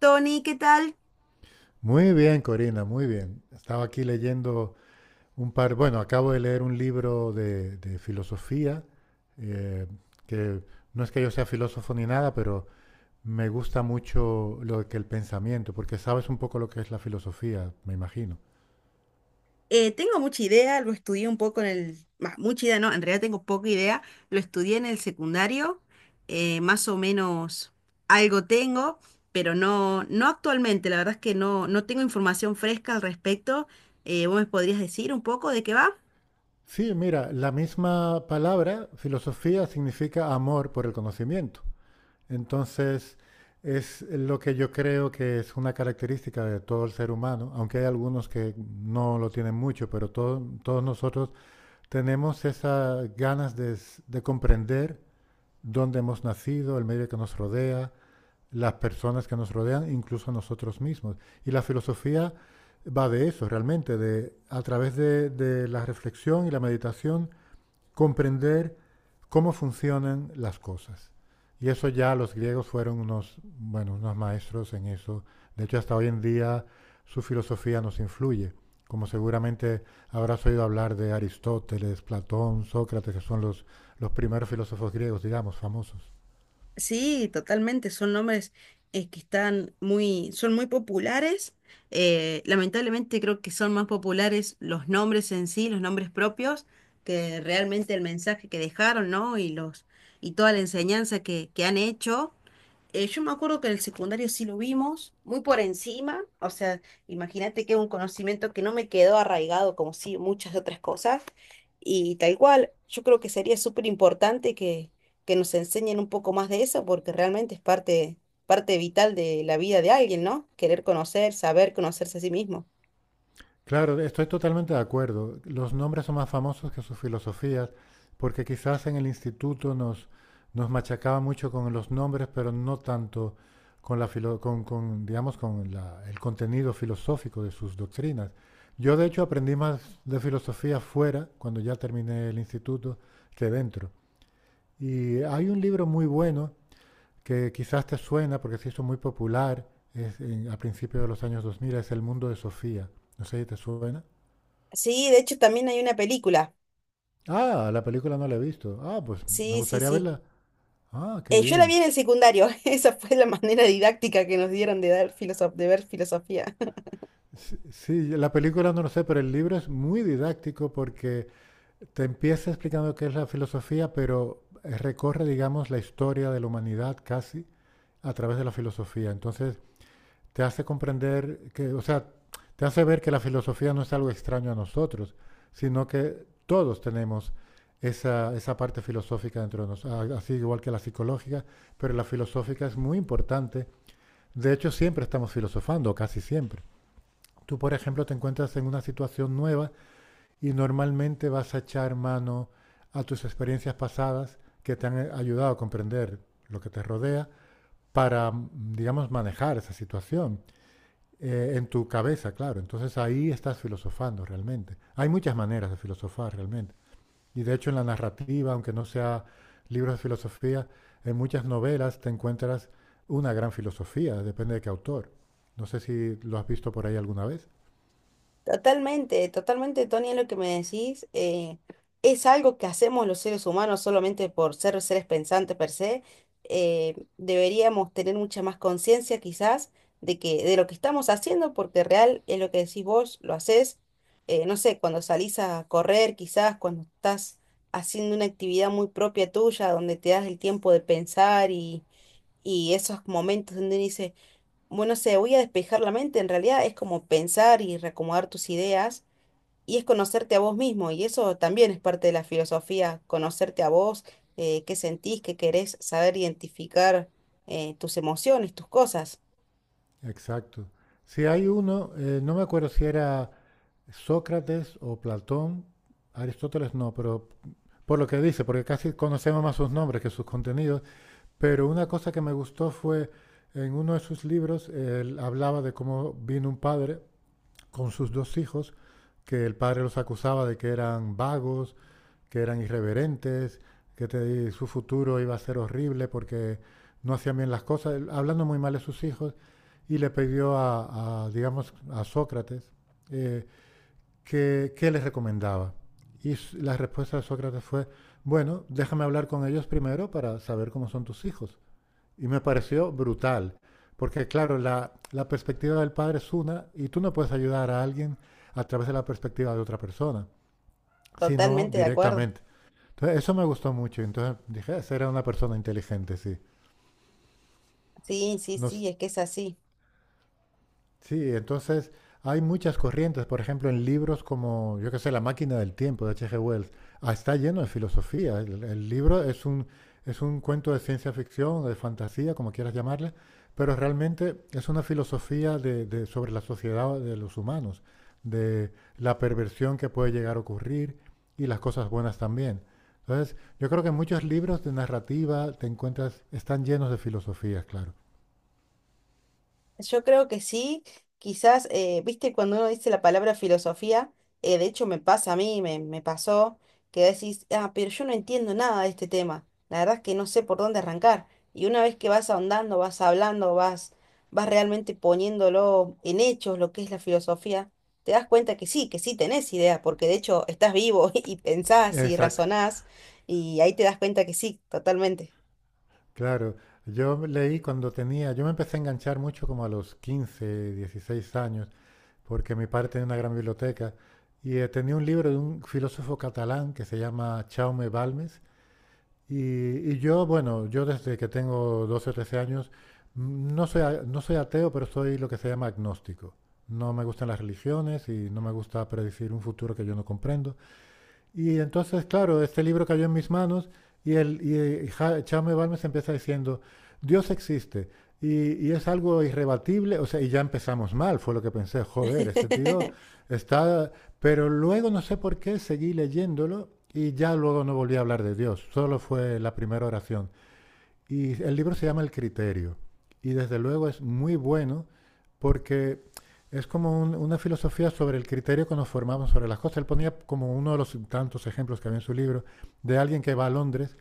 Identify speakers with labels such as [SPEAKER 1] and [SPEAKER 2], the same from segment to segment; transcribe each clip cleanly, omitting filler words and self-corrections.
[SPEAKER 1] Tony, ¿qué tal?
[SPEAKER 2] Muy bien, Corina, muy bien. Estaba aquí leyendo bueno, acabo de leer un libro de filosofía, eh, que no es que yo sea filósofo ni nada, pero me gusta mucho lo que el pensamiento, porque sabes un poco lo que es la filosofía, me imagino.
[SPEAKER 1] Tengo mucha idea, lo estudié un poco bah, mucha idea, no, en realidad tengo poca idea. Lo estudié en el secundario, más o menos algo tengo, pero no actualmente. La verdad es que no tengo información fresca al respecto. ¿vos me podrías decir un poco de qué va?
[SPEAKER 2] Sí, mira, la misma palabra, filosofía, significa amor por el conocimiento. Entonces, es lo que yo creo que es una característica de todo el ser humano, aunque hay algunos que no lo tienen mucho, pero todos nosotros tenemos esas ganas de comprender dónde hemos nacido, el medio que nos rodea, las personas que nos rodean, incluso nosotros mismos. Y la filosofía va de eso, realmente, de a través de la reflexión y la meditación, comprender cómo funcionan las cosas. Y eso ya los griegos fueron unos, bueno, unos maestros en eso. De hecho, hasta hoy en día su filosofía nos influye. Como seguramente habrás oído hablar de Aristóteles, Platón, Sócrates, que son los primeros filósofos griegos, digamos, famosos.
[SPEAKER 1] Sí, totalmente. Son nombres que están son muy populares. Lamentablemente creo que son más populares los nombres en sí, los nombres propios, que realmente el mensaje que dejaron, ¿no? Y toda la enseñanza que han hecho. Yo me acuerdo que en el secundario sí lo vimos, muy por encima, o sea, imagínate que es un conocimiento que no me quedó arraigado como sí muchas otras cosas, y tal cual, yo creo que sería súper importante que nos enseñen un poco más de eso, porque realmente es parte, parte vital de la vida de alguien, ¿no? Querer conocer, saber conocerse a sí mismo.
[SPEAKER 2] Claro, estoy totalmente de acuerdo. Los nombres son más famosos que sus filosofías, porque quizás en el instituto nos machacaba mucho con los nombres, pero no tanto con la digamos, el contenido filosófico de sus doctrinas. Yo, de hecho, aprendí más de filosofía fuera, cuando ya terminé el instituto, que dentro. Y hay un libro muy bueno que quizás te suena porque se hizo muy popular a principios de los años 2000, es El mundo de Sofía. No sé si te suena.
[SPEAKER 1] Sí, de hecho también hay una película,
[SPEAKER 2] Ah, la película no la he visto. Ah, pues me
[SPEAKER 1] sí, sí,
[SPEAKER 2] gustaría
[SPEAKER 1] sí.
[SPEAKER 2] verla. Ah, qué
[SPEAKER 1] Yo la vi
[SPEAKER 2] bien.
[SPEAKER 1] en el secundario, esa fue la manera didáctica que nos dieron de ver filosofía.
[SPEAKER 2] Sí, sí, la película no lo sé, pero el libro es muy didáctico porque te empieza explicando qué es la filosofía, pero recorre, digamos, la historia de la humanidad casi a través de la filosofía. Entonces, te hace comprender que, o sea, te hace ver que la filosofía no es algo extraño a nosotros, sino que todos tenemos esa parte filosófica dentro de nosotros, así igual que la psicológica, pero la filosófica es muy importante. De hecho, siempre estamos filosofando, casi siempre. Tú, por ejemplo, te encuentras en una situación nueva y normalmente vas a echar mano a tus experiencias pasadas que te han ayudado a comprender lo que te rodea para, digamos, manejar esa situación. En tu cabeza, claro. Entonces ahí estás filosofando realmente. Hay muchas maneras de filosofar realmente. Y de hecho en la narrativa, aunque no sea libros de filosofía, en muchas novelas te encuentras una gran filosofía, depende de qué autor. No sé si lo has visto por ahí alguna vez.
[SPEAKER 1] Totalmente, totalmente, Tony, lo que me decís es algo que hacemos los seres humanos solamente por ser seres pensantes per se. Deberíamos tener mucha más conciencia quizás de lo que estamos haciendo, porque real es lo que decís vos, lo haces, no sé, cuando salís a correr, quizás cuando estás haciendo una actividad muy propia tuya, donde te das el tiempo de pensar y esos momentos donde dices bueno, sé, voy a despejar la mente, en realidad es como pensar y reacomodar tus ideas y es conocerte a vos mismo y eso también es parte de la filosofía, conocerte a vos, qué sentís, qué querés, saber identificar tus emociones, tus cosas.
[SPEAKER 2] Exacto. Si hay uno, no me acuerdo si era Sócrates o Platón, Aristóteles no, pero por lo que dice, porque casi conocemos más sus nombres que sus contenidos, pero una cosa que me gustó fue en uno de sus libros, él hablaba de cómo vino un padre con sus dos hijos, que el padre los acusaba de que eran vagos, que eran irreverentes, que su futuro iba a ser horrible porque no hacían bien las cosas, hablando muy mal de sus hijos, y le pidió digamos, a Sócrates eh, qué les recomendaba. Y la respuesta de Sócrates fue, bueno, déjame hablar con ellos primero para saber cómo son tus hijos. Y me pareció brutal, porque claro, la perspectiva del padre es una y tú no puedes ayudar a alguien a través de la perspectiva de otra persona, sino
[SPEAKER 1] Totalmente de acuerdo.
[SPEAKER 2] directamente. Entonces, eso me gustó mucho. Entonces dije, esa era una persona inteligente, sí.
[SPEAKER 1] Sí, sí, sí,
[SPEAKER 2] Nos,
[SPEAKER 1] es que es así.
[SPEAKER 2] Sí, entonces hay muchas corrientes, por ejemplo, en libros como, yo qué sé, La máquina del tiempo de H.G. Wells, ah, está lleno de filosofía. El libro es un cuento de ciencia ficción, de fantasía, como quieras llamarle, pero realmente es una filosofía sobre la sociedad de los humanos, de la perversión que puede llegar a ocurrir y las cosas buenas también. Entonces, yo creo que muchos libros de narrativa te encuentras, están llenos de filosofías, claro.
[SPEAKER 1] Yo creo que sí, quizás, viste, cuando uno dice la palabra filosofía, de hecho me pasa a mí, me pasó, que decís, ah, pero yo no entiendo nada de este tema, la verdad es que no sé por dónde arrancar. Y una vez que vas ahondando, vas hablando, vas realmente poniéndolo en hechos, lo que es la filosofía, te das cuenta que sí tenés idea, porque de hecho estás vivo y pensás y
[SPEAKER 2] Exacto.
[SPEAKER 1] razonás, y ahí te das cuenta que sí, totalmente.
[SPEAKER 2] Claro, yo leí cuando tenía, yo me empecé a enganchar mucho como a los 15, 16 años, porque mi padre tenía una gran biblioteca y tenía un libro de un filósofo catalán que se llama Jaume Balmes y, y yo, bueno, yo desde que tengo 12, o 13 años no soy ateo, pero soy lo que se llama agnóstico. No me gustan las religiones y no me gusta predecir un futuro que yo no comprendo. Y entonces, claro, este libro cayó en mis manos y, el, y Ja- Jaume Balmes empieza diciendo, Dios existe y es algo irrebatible, o sea, y ya empezamos mal, fue lo que pensé, joder, este tío está... Pero luego no sé por qué seguí leyéndolo y ya luego no volví a hablar de Dios, solo fue la primera oración. Y el libro se llama El Criterio. Y desde luego es muy bueno porque es como una filosofía sobre el criterio que nos formamos sobre las cosas. Él ponía como uno de los tantos ejemplos que había en su libro de alguien que va a Londres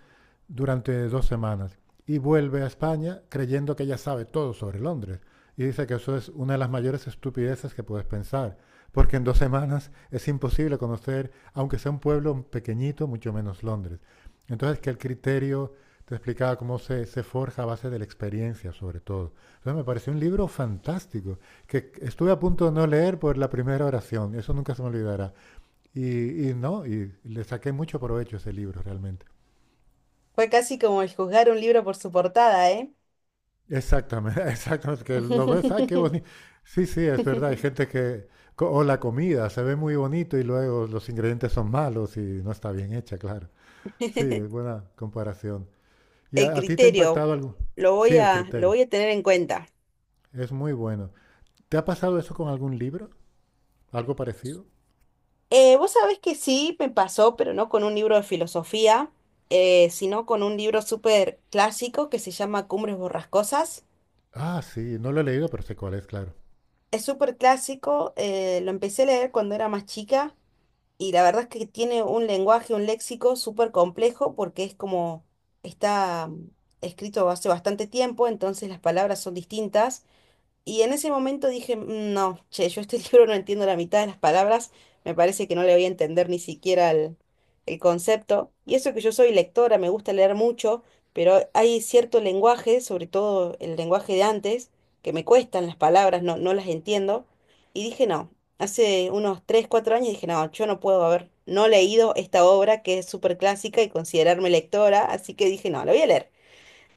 [SPEAKER 2] durante 2 semanas y vuelve a España creyendo que ya sabe todo sobre Londres. Y dice que eso es una de las mayores estupideces que puedes pensar, porque en 2 semanas es imposible conocer, aunque sea un pueblo pequeñito, mucho menos Londres. Entonces, que el criterio te explicaba cómo se forja a base de la experiencia, sobre todo. Entonces me pareció un libro fantástico, que estuve a punto de no leer por la primera oración, eso nunca se me olvidará. Y no, y le saqué mucho provecho a ese libro realmente.
[SPEAKER 1] Fue casi como el juzgar un libro por su portada, ¿eh?
[SPEAKER 2] Exactamente, exactamente, que lo ves, ay, qué bonito. Sí, sí, es verdad, hay gente que, o la comida, se ve muy bonito y luego los ingredientes son malos y no está bien hecha, claro. Sí, es buena comparación. ¿Y
[SPEAKER 1] El
[SPEAKER 2] a ti te ha
[SPEAKER 1] criterio,
[SPEAKER 2] impactado algo?
[SPEAKER 1] lo
[SPEAKER 2] Sí,
[SPEAKER 1] voy
[SPEAKER 2] el
[SPEAKER 1] a, lo
[SPEAKER 2] criterio,
[SPEAKER 1] voy a tener en cuenta.
[SPEAKER 2] es muy bueno. ¿Te ha pasado eso con algún libro? ¿Algo parecido?
[SPEAKER 1] Vos sabés que sí me pasó, pero no con un libro de filosofía, sino con un libro súper clásico que se llama Cumbres Borrascosas.
[SPEAKER 2] Ah, sí, no lo he leído, pero sé cuál es, claro.
[SPEAKER 1] Es súper clásico, lo empecé a leer cuando era más chica y la verdad es que tiene un lenguaje, un léxico súper complejo porque es como está escrito hace bastante tiempo, entonces las palabras son distintas. Y en ese momento dije, No, che, yo este libro no entiendo la mitad de las palabras, me parece que no le voy a entender ni siquiera el concepto. Y eso que yo soy lectora, me gusta leer mucho, pero hay cierto lenguaje, sobre todo el lenguaje de antes, que me cuestan las palabras, no las entiendo. Y dije, no, hace unos 3 4 años dije, no, yo no puedo haber no leído esta obra que es súper clásica y considerarme lectora, así que dije, no, la voy a leer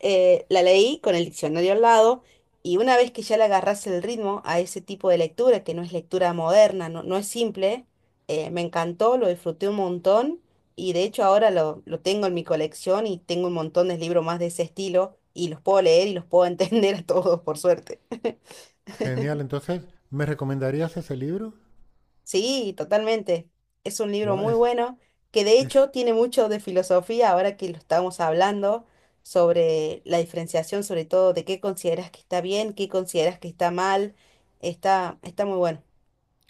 [SPEAKER 1] la leí con el diccionario al lado y una vez que ya le agarrás el ritmo a ese tipo de lectura, que no es lectura moderna, no, no es simple, me encantó, lo disfruté un montón y de hecho ahora lo tengo en mi colección y tengo un montón de libros más de ese estilo y los puedo leer y los puedo entender a todos, por suerte.
[SPEAKER 2] Genial, entonces, ¿me recomendarías ese libro?
[SPEAKER 1] Sí, totalmente. Es un libro
[SPEAKER 2] Guau,
[SPEAKER 1] muy bueno que de
[SPEAKER 2] es,
[SPEAKER 1] hecho tiene mucho de filosofía ahora que lo estamos hablando sobre la diferenciación, sobre todo de qué consideras que está bien, qué consideras que está mal. Está, está muy bueno.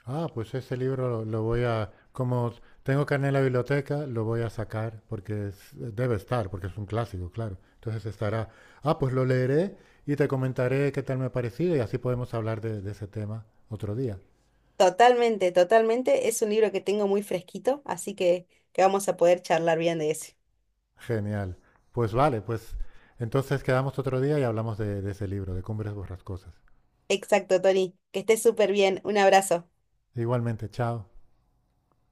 [SPEAKER 2] ah, pues ese libro lo voy a, como tengo carné en la biblioteca, lo voy a sacar porque debe estar, porque es un clásico, claro. Entonces estará, ah, pues lo leeré y te comentaré qué tal me ha parecido y así podemos hablar de ese tema otro día.
[SPEAKER 1] Totalmente, totalmente. Es un libro que tengo muy fresquito, así que vamos a poder charlar bien de ese.
[SPEAKER 2] Genial. Pues vale, pues entonces quedamos otro día y hablamos de ese libro, de Cumbres Borrascosas.
[SPEAKER 1] Exacto, Tony. Que estés súper bien. Un abrazo.
[SPEAKER 2] Igualmente, chao.